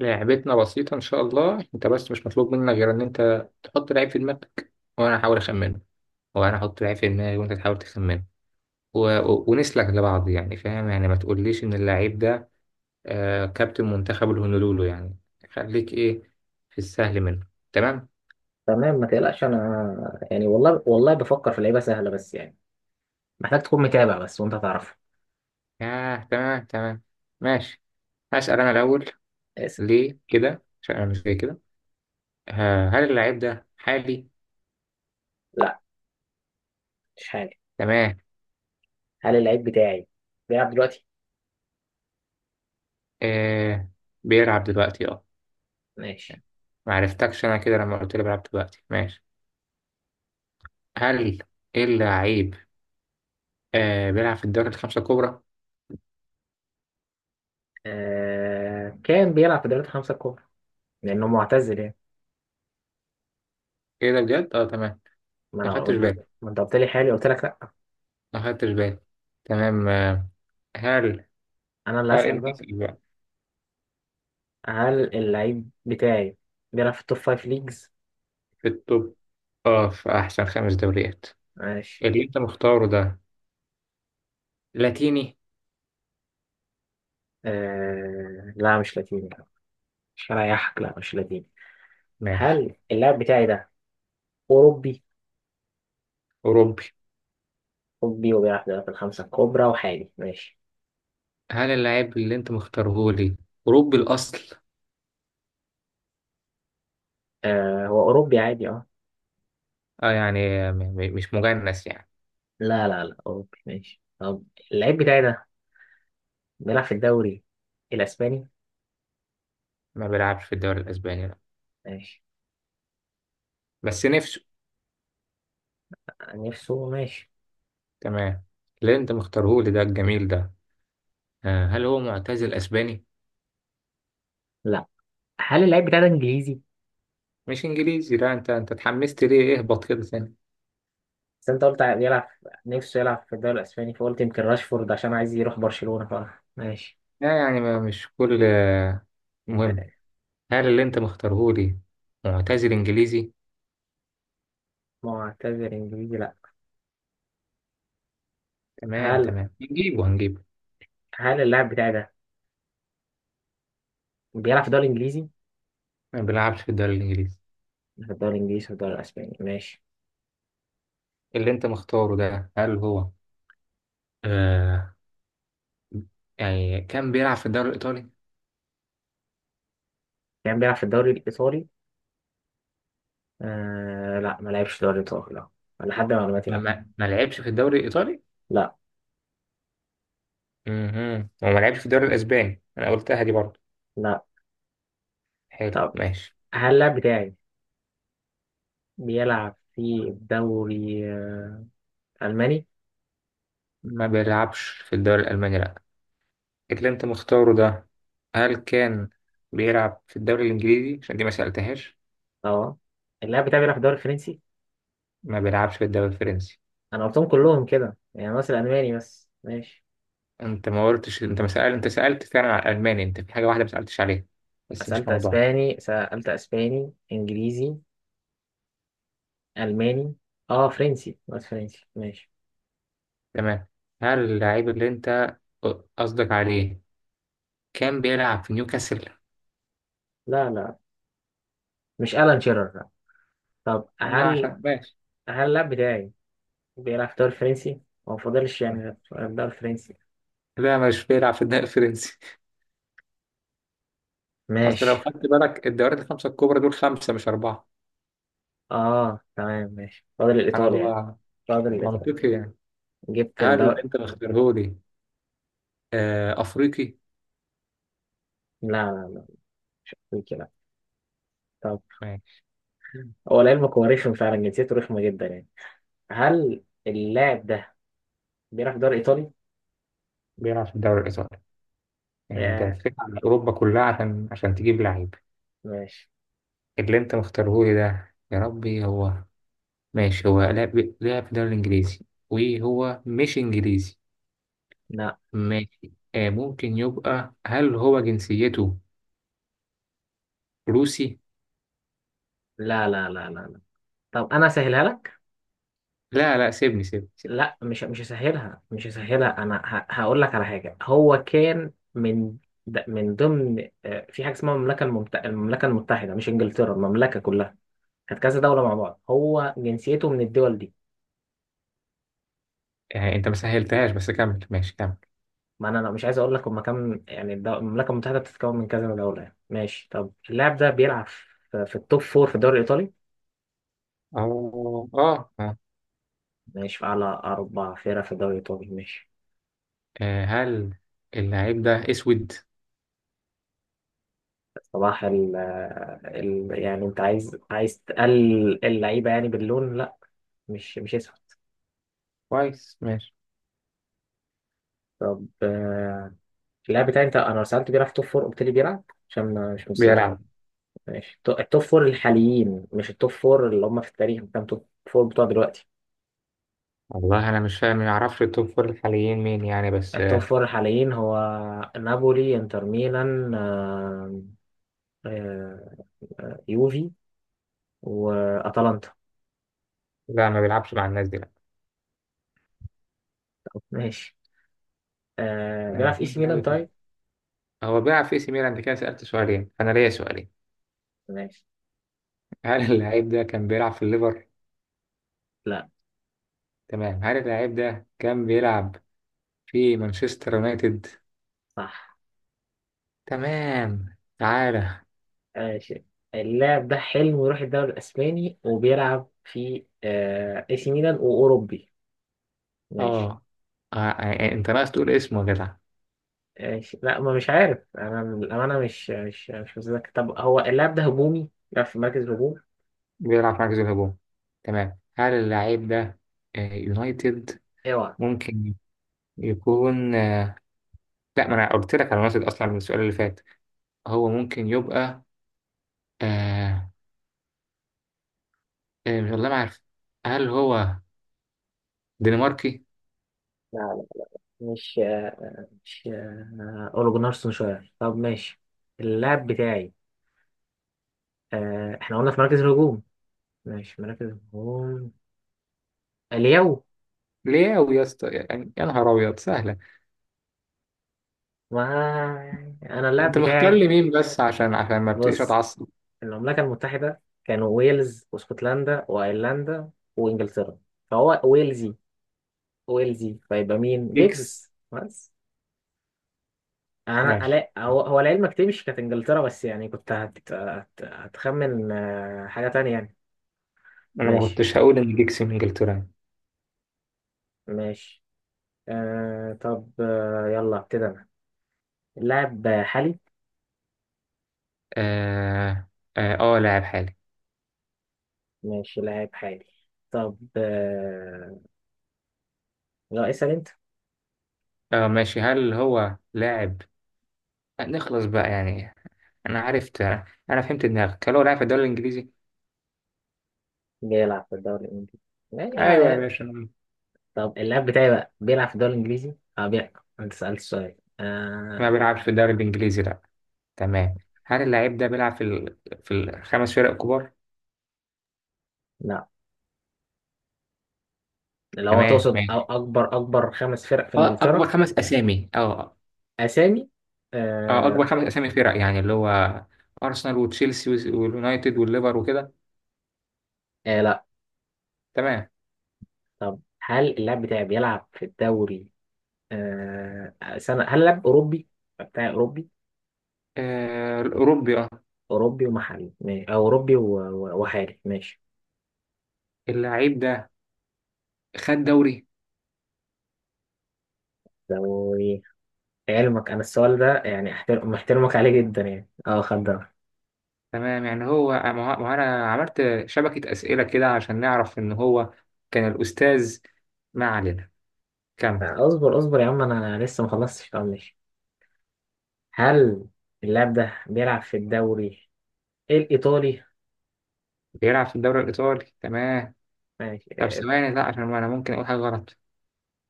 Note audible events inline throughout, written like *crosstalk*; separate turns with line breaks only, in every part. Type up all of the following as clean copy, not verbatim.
لعبتنا بسيطة إن شاء الله. أنت بس مش مطلوب منك غير إن أنت تحط لعيب في دماغك وأنا أحاول أخمنه، وأنا أحط لعيب في دماغي وأنت تحاول تخمنه. و... و... ونسلك لبعض، يعني فاهم؟ يعني ما تقوليش إن اللعيب ده آه كابتن منتخب الهونولولو يعني، خليك إيه في السهل منه. تمام؟
تمام، ما تقلقش. انا يعني والله والله بفكر في لعيبه سهله، بس يعني محتاج تكون متابع بس وانت هتعرفها.
آه تمام تمام، ماشي. هسأل أنا الأول.
اسف.
ليه كده؟ عشان أنا مش زي كده. آه، هل اللعيب ده حالي؟
لا، مش حاجه.
تمام،
هل اللعيب بتاعي بيلعب دلوقتي؟
آه بيلعب دلوقتي أه.
ماشي.
معرفتكش أنا كده لما قلت لي بيلعب دلوقتي، ماشي. هل اللعيب آه بيلعب في الدوري الخمسة الكبرى؟
كان بيلعب في دوري الخمسه الكبرى لانه معتزل يعني.
ايه ده بجد؟ اه تمام. ما
ما
خدتش
انت،
بالي،
ما أنت قلت لي حالي قلت لك لا.
ما خدتش بالي. تمام آه. هل
انا اللي
هل
هسال
انت
بقى.
بقى
هل اللعيب بتاعي بيلعب في التوب فايف ليجز؟
في التوب، اه في احسن خمس دوريات
ماشي.
اللي انت مختاره ده، لاتيني؟
لا مش لاتيني، مش هريحك، لا مش لاتيني.
ماشي.
هل اللاعب بتاعي ده اوروبي؟
اوروبي.
أوروبي وبيلعب في الخمسة الكبرى وحالي ماشي.
هل اللعيب اللي انت مختاره لي اوروبي الاصل؟
آه هو أوروبي عادي اه.
اه يعني، مش مجنس يعني.
لا لا لا، أوروبي ماشي. طب اللعيب بتاعي ده بيلعب في الدوري الأسباني؟
ما بيلعبش في الدوري الاسباني لا،
ماشي.
بس نفسه.
نفسه ماشي.
تمام. اللي انت مختاره لي ده الجميل ده، آه هل هو معتزل اسباني؟
لا. هل اللعيب بتاعي ده إنجليزي؟
مش انجليزي لا، انت اتحمست ليه؟ اهبط كده ثاني.
بس أنت قلت بيلعب نفسه يلعب في الدوري الأسباني، فقلت يمكن راشفورد عشان عايز يروح برشلونة *laughs* ف ماشي.
لا يعني ما مش كل مهم. هل اللي انت مختاره لي معتزل انجليزي؟
معتذر إنجليزي لا.
تمام
هل
تمام، نجيبه هنجيبه.
هل اللاعب بتاعي ده بيلعب في الدوري الإنجليزي؟
ما بيلعبش في الدوري الانجليزي.
في الدوري الإنجليزي في الدوري الأسباني ماشي.
اللي انت مختاره ده هل هو آه يعني كان بيلعب في الدوري الايطالي؟
كان بيلعب في الدوري الإيطالي. آه لا، ما لعبش دوري الابطال لا، أنا لحد معلوماتي
ما
لا.
ما, ما لعبش في الدوري الايطالي.
لا
وما لعبش في الدوري الاسباني انا قلتها دي برضه.
لا.
حلو
طب
ماشي.
هل اللاعب بتاعي بيلعب في الدوري الماني؟
ما بيلعبش في الدوري الالماني لا. اللي انت مختاره ده هل كان بيلعب في الدوري الانجليزي عشان دي ما سألتهاش؟
اه اللاعب بتاعي بيلعب في الدوري الفرنسي.
ما بيلعبش في الدوري الفرنسي.
انا قلتهم كلهم كده يعني ناقص الالماني بس ماشي.
انت ما قلتش، انت ما سأل، انت سألت فعلا على الالماني، انت في حاجة واحدة ما سألتش عليها بس مش
سألت
موضوع.
اسباني، سألت اسباني انجليزي الماني اه فرنسي بس فرنسي ماشي.
تمام. هل اللعيب اللي انت قصدك عليه كان بيلعب في نيوكاسل؟
لا لا، مش الان شيرر لا. طب
ما
هل
عشان ماشي.
هل اللاعب بتاعي بيلعب في الدوري الفرنسي؟ هو فاضلش يعني غير الدوري الفرنسي
لا مش بيلعب في الدوري الفرنسي. *laughs* اصل لو
ماشي.
خدت بالك الدوريات الخمسة الكبرى دول خمسة مش أربعة.
اه تمام ماشي، فاضل
سبحان
الإيطالي يعني.
الله،
فاضل الإيطالي،
منطقي يعني.
جبت
هل اللي
الدوري.
انت مختارهولي افريقي؟
لا لا لا، مش أفريقي لا. طب هو لعلمك هو رخم فعلا، جنسيته رخمة جدا يعني. هل اللاعب ده بيلعب في الدوري الإيطالي؟
بيلعب في الدوري الإيطالي، يعني أنت
آه
لفيت على أوروبا كلها عشان تجيب لعيب.
ماشي.
اللي أنت مختارهولي ده يا ربي هو، ماشي. هو لعب في الدوري الإنجليزي وهو مش إنجليزي.
لا
ماشي آه، ممكن يبقى، هل هو جنسيته روسي؟
لا لا لا لا لا. طب أنا أسهلها لك؟
لا لا، سيبني سيبني سيبني.
لا، مش هسهلها، مش هسهلها. أنا هقول لك على حاجة. هو كان من من ضمن في حاجة اسمها المملكة المملكة المتحدة، مش إنجلترا، المملكة كلها كانت كذا دولة مع بعض، هو جنسيته من الدول دي.
آه أنت ما سهلتهاش بس كمل، ماشي كمل.
ما انا أنا مش عايز اقول لك هما كام، يعني المملكه المتحده بتتكون من كذا دوله يعني ماشي. طب اللاعب ده بيلعب في التوب فور في الدوري الايطالي؟
أو آه آه،
ماشي. في اعلى اربع فرق في الدوري الايطالي ماشي.
هل اللعيب ده أسود؟
صباح ال ال، يعني انت عايز عايز تقلل اللعيبه يعني باللون؟ لا مش اسهل.
كويس ماشي.
طب اللاعب بتاعي انت انا سالت بيلعب في توب فور، قلت لي بيلعب عشان مش متذكر.
بيلعب.
ماشي. التوب فور الحاليين مش التوب فور اللي هم في التاريخ. كام توب فور بتوع دلوقتي؟
والله أنا مش فاهم، ما أعرفش التوب فور الحاليين مين يعني بس.
التوب فور الحاليين هو نابولي، انتر ميلان، آه، يوفي، واتلانتا.
لا ما بيلعبش مع الناس دي لا.
ماشي. بيلعب
يعني
في اي سي
سهل
ميلان
أوي كده.
طيب.
هو بيلعب في اي سي ميلان، انت كده سألت سؤالين انا ليا سؤالين.
ماشي.
هل اللعيب ده كان بيلعب في الليفر؟
لا.
تمام. هل اللعيب ده كان بيلعب في مانشستر يونايتد؟
صح.
تمام تعالى.
ماشي. اللاعب ده حلم يروح الدوري الاسباني وبيلعب في اي سي ميلان واوروبي.
اه
ماشي.
انت ناقص تقول اسمه يا جدع.
ماشي. لا ما مش عارف انا الامانه، مش متذكر. طب هو اللاعب ده هجومي، بيلعب في مركز هجوم.
بيلعب في مركز الهجوم، تمام. هل اللعيب ده يونايتد
اوعى.
ممكن يكون لا، ما انا قلت لك على يونايتد اصلا من السؤال اللي فات. هو ممكن يبقى آه... والله ما عارف. هل هو دنماركي؟
لا لا، مش آه، مش اولو جونار سولشاير. طب ماشي. اللاعب بتاعي احنا قلنا في مراكز الهجوم. ماشي مراكز الهجوم اليو.
ليه أوي يا اسطى؟ يعني يا نهار أبيض سهلة.
ما انا اللاعب
أنت مختار
بتاعي
لي مين بس عشان ما ابتديش
بص،
أتعصب.
المملكة المتحدة كانوا ويلز واسكتلندا وايرلندا وانجلترا، فهو ويلزي. ويلزي، فيبقى مين؟
جيكس.
جيجز بس. انا
ماشي،
لا، هو هو لعلمك تمشي كانت انجلترا بس يعني، كنت هتخمن حاجة تانية يعني.
أنا ما
ماشي.
كنتش هقول إن جيكس من إنجلترا يعني.
ماشي. آه طب آه يلا ابتدي انا. اللاعب حالي.
آه، آه، آه لاعب حالي.
ماشي لاعب حالي. طب آه لا، اسأل انت.
آه ماشي، هل هو لاعب، نخلص بقى يعني، أنا عرفت، أنا فهمت دماغك، هل هو لاعب في الدوري الإنجليزي؟
بيلعب في الدوري الانجليزي ماشي آه،
أيوه يا
يعني.
باشا.
طب اللاعب بتاعي بقى بيلعب في الدوري الانجليزي اه بيلعب. انت سألت السؤال
ما
آه.
بيلعبش في الدوري الإنجليزي لأ. تمام، هل اللاعب ده بيلعب في في الخمس فرق الكبار؟
لا. لو هو
تمام
تقصد أو
ماشي.
اكبر اكبر خمس فرق في
اه اكبر
انجلترا.
خمس اسامي اه،
اسامي.
اكبر
آه.
خمس اسامي فرق يعني اللي هو ارسنال وتشيلسي واليونايتد والليفر وكده.
آه، لا.
تمام.
طب هل اللاعب بتاعي بيلعب في الدوري آه سنة هل اللاعب اوروبي بتاعي اوروبي؟
الاوروبي اه.
أوروبي ومحلي أو أوروبي وحالي ماشي.
اللعيب ده خد دوري
لو علمك أنا السؤال ده يعني أحترم، محترمك عليه جدا يعني أه، خد ده.
تمام، يعني ما هو انا عملت شبكة اسئلة كده عشان نعرف ان هو كان الاستاذ. ما علينا كمل.
اصبر اصبر يا عم، أنا لسه ما خلصتش. طب ماشي. هل اللاعب ده بيلعب في الدوري الإيطالي؟
بيلعب في الدوري الايطالي تمام.
ماشي
طب
أه.
ثواني لا، عشان انا ممكن اقول حاجة غلط.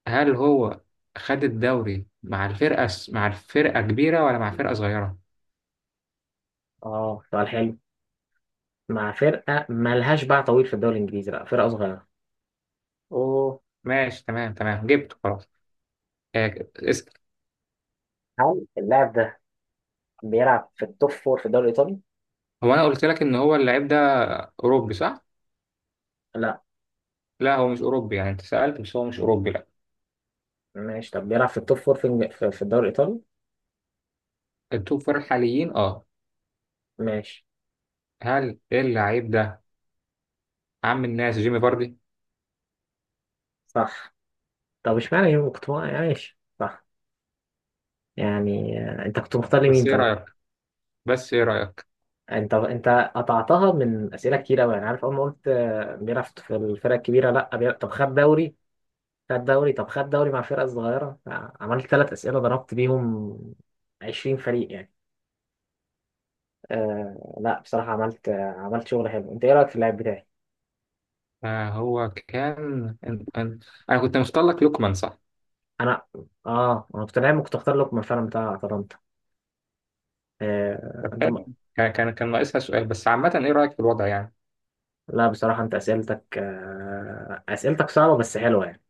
هل هو خد الدوري مع الفرقة كبيرة ولا مع فرقة صغيرة؟
سؤال حلو. مع فرقة مالهاش باع طويل في الدوري الإنجليزي، لا فرقة صغيرة.
اوه ماشي تمام تمام جبته خلاص. آه،
هل اللاعب ده بيلعب في التوب فور في الدوري الإيطالي؟
هو انا قلت لك ان هو اللعيب ده اوروبي صح؟
لا.
لا هو مش اوروبي يعني، انت سالت بس هو مش اوروبي لا.
ماشي طب بيلعب في التوب فور في في الدوري الإيطالي؟
التوب فور الحاليين اه.
ماشي.
هل اللعيب ده عم الناس جيمي فاردي؟
صح. طب اشمعنى يوم كنت عايش؟ صح يعني. انت كنت مختار لمين
بس ايه
طيب؟
رايك، بس ايه رايك،
انت قطعتها من اسئله كتير قوي يعني. عارف اول ما قلت بيلعب في الفرق الكبيره، لا بيلعب. طب خد دوري. خد دوري طب خد دوري مع فرقه صغيره. عملت ثلاث اسئله ضربت بيهم 20 فريق يعني. آه لا بصراحه، عملت شغل حلو. انت ايه رايك في اللاعب بتاعي؟
آه هو كان انا كنت مختار لك لوكمان صح؟
انا اه انا كنت لاعب، كنت اختار لكم الفرق بتاع اتلانتا. آه
طب
انت م...
حلو. كان ناقصها سؤال بس عامه ايه رايك في الوضع يعني.
لا بصراحه انت اسئلتك اسئلتك صعبه بس حلوه يعني.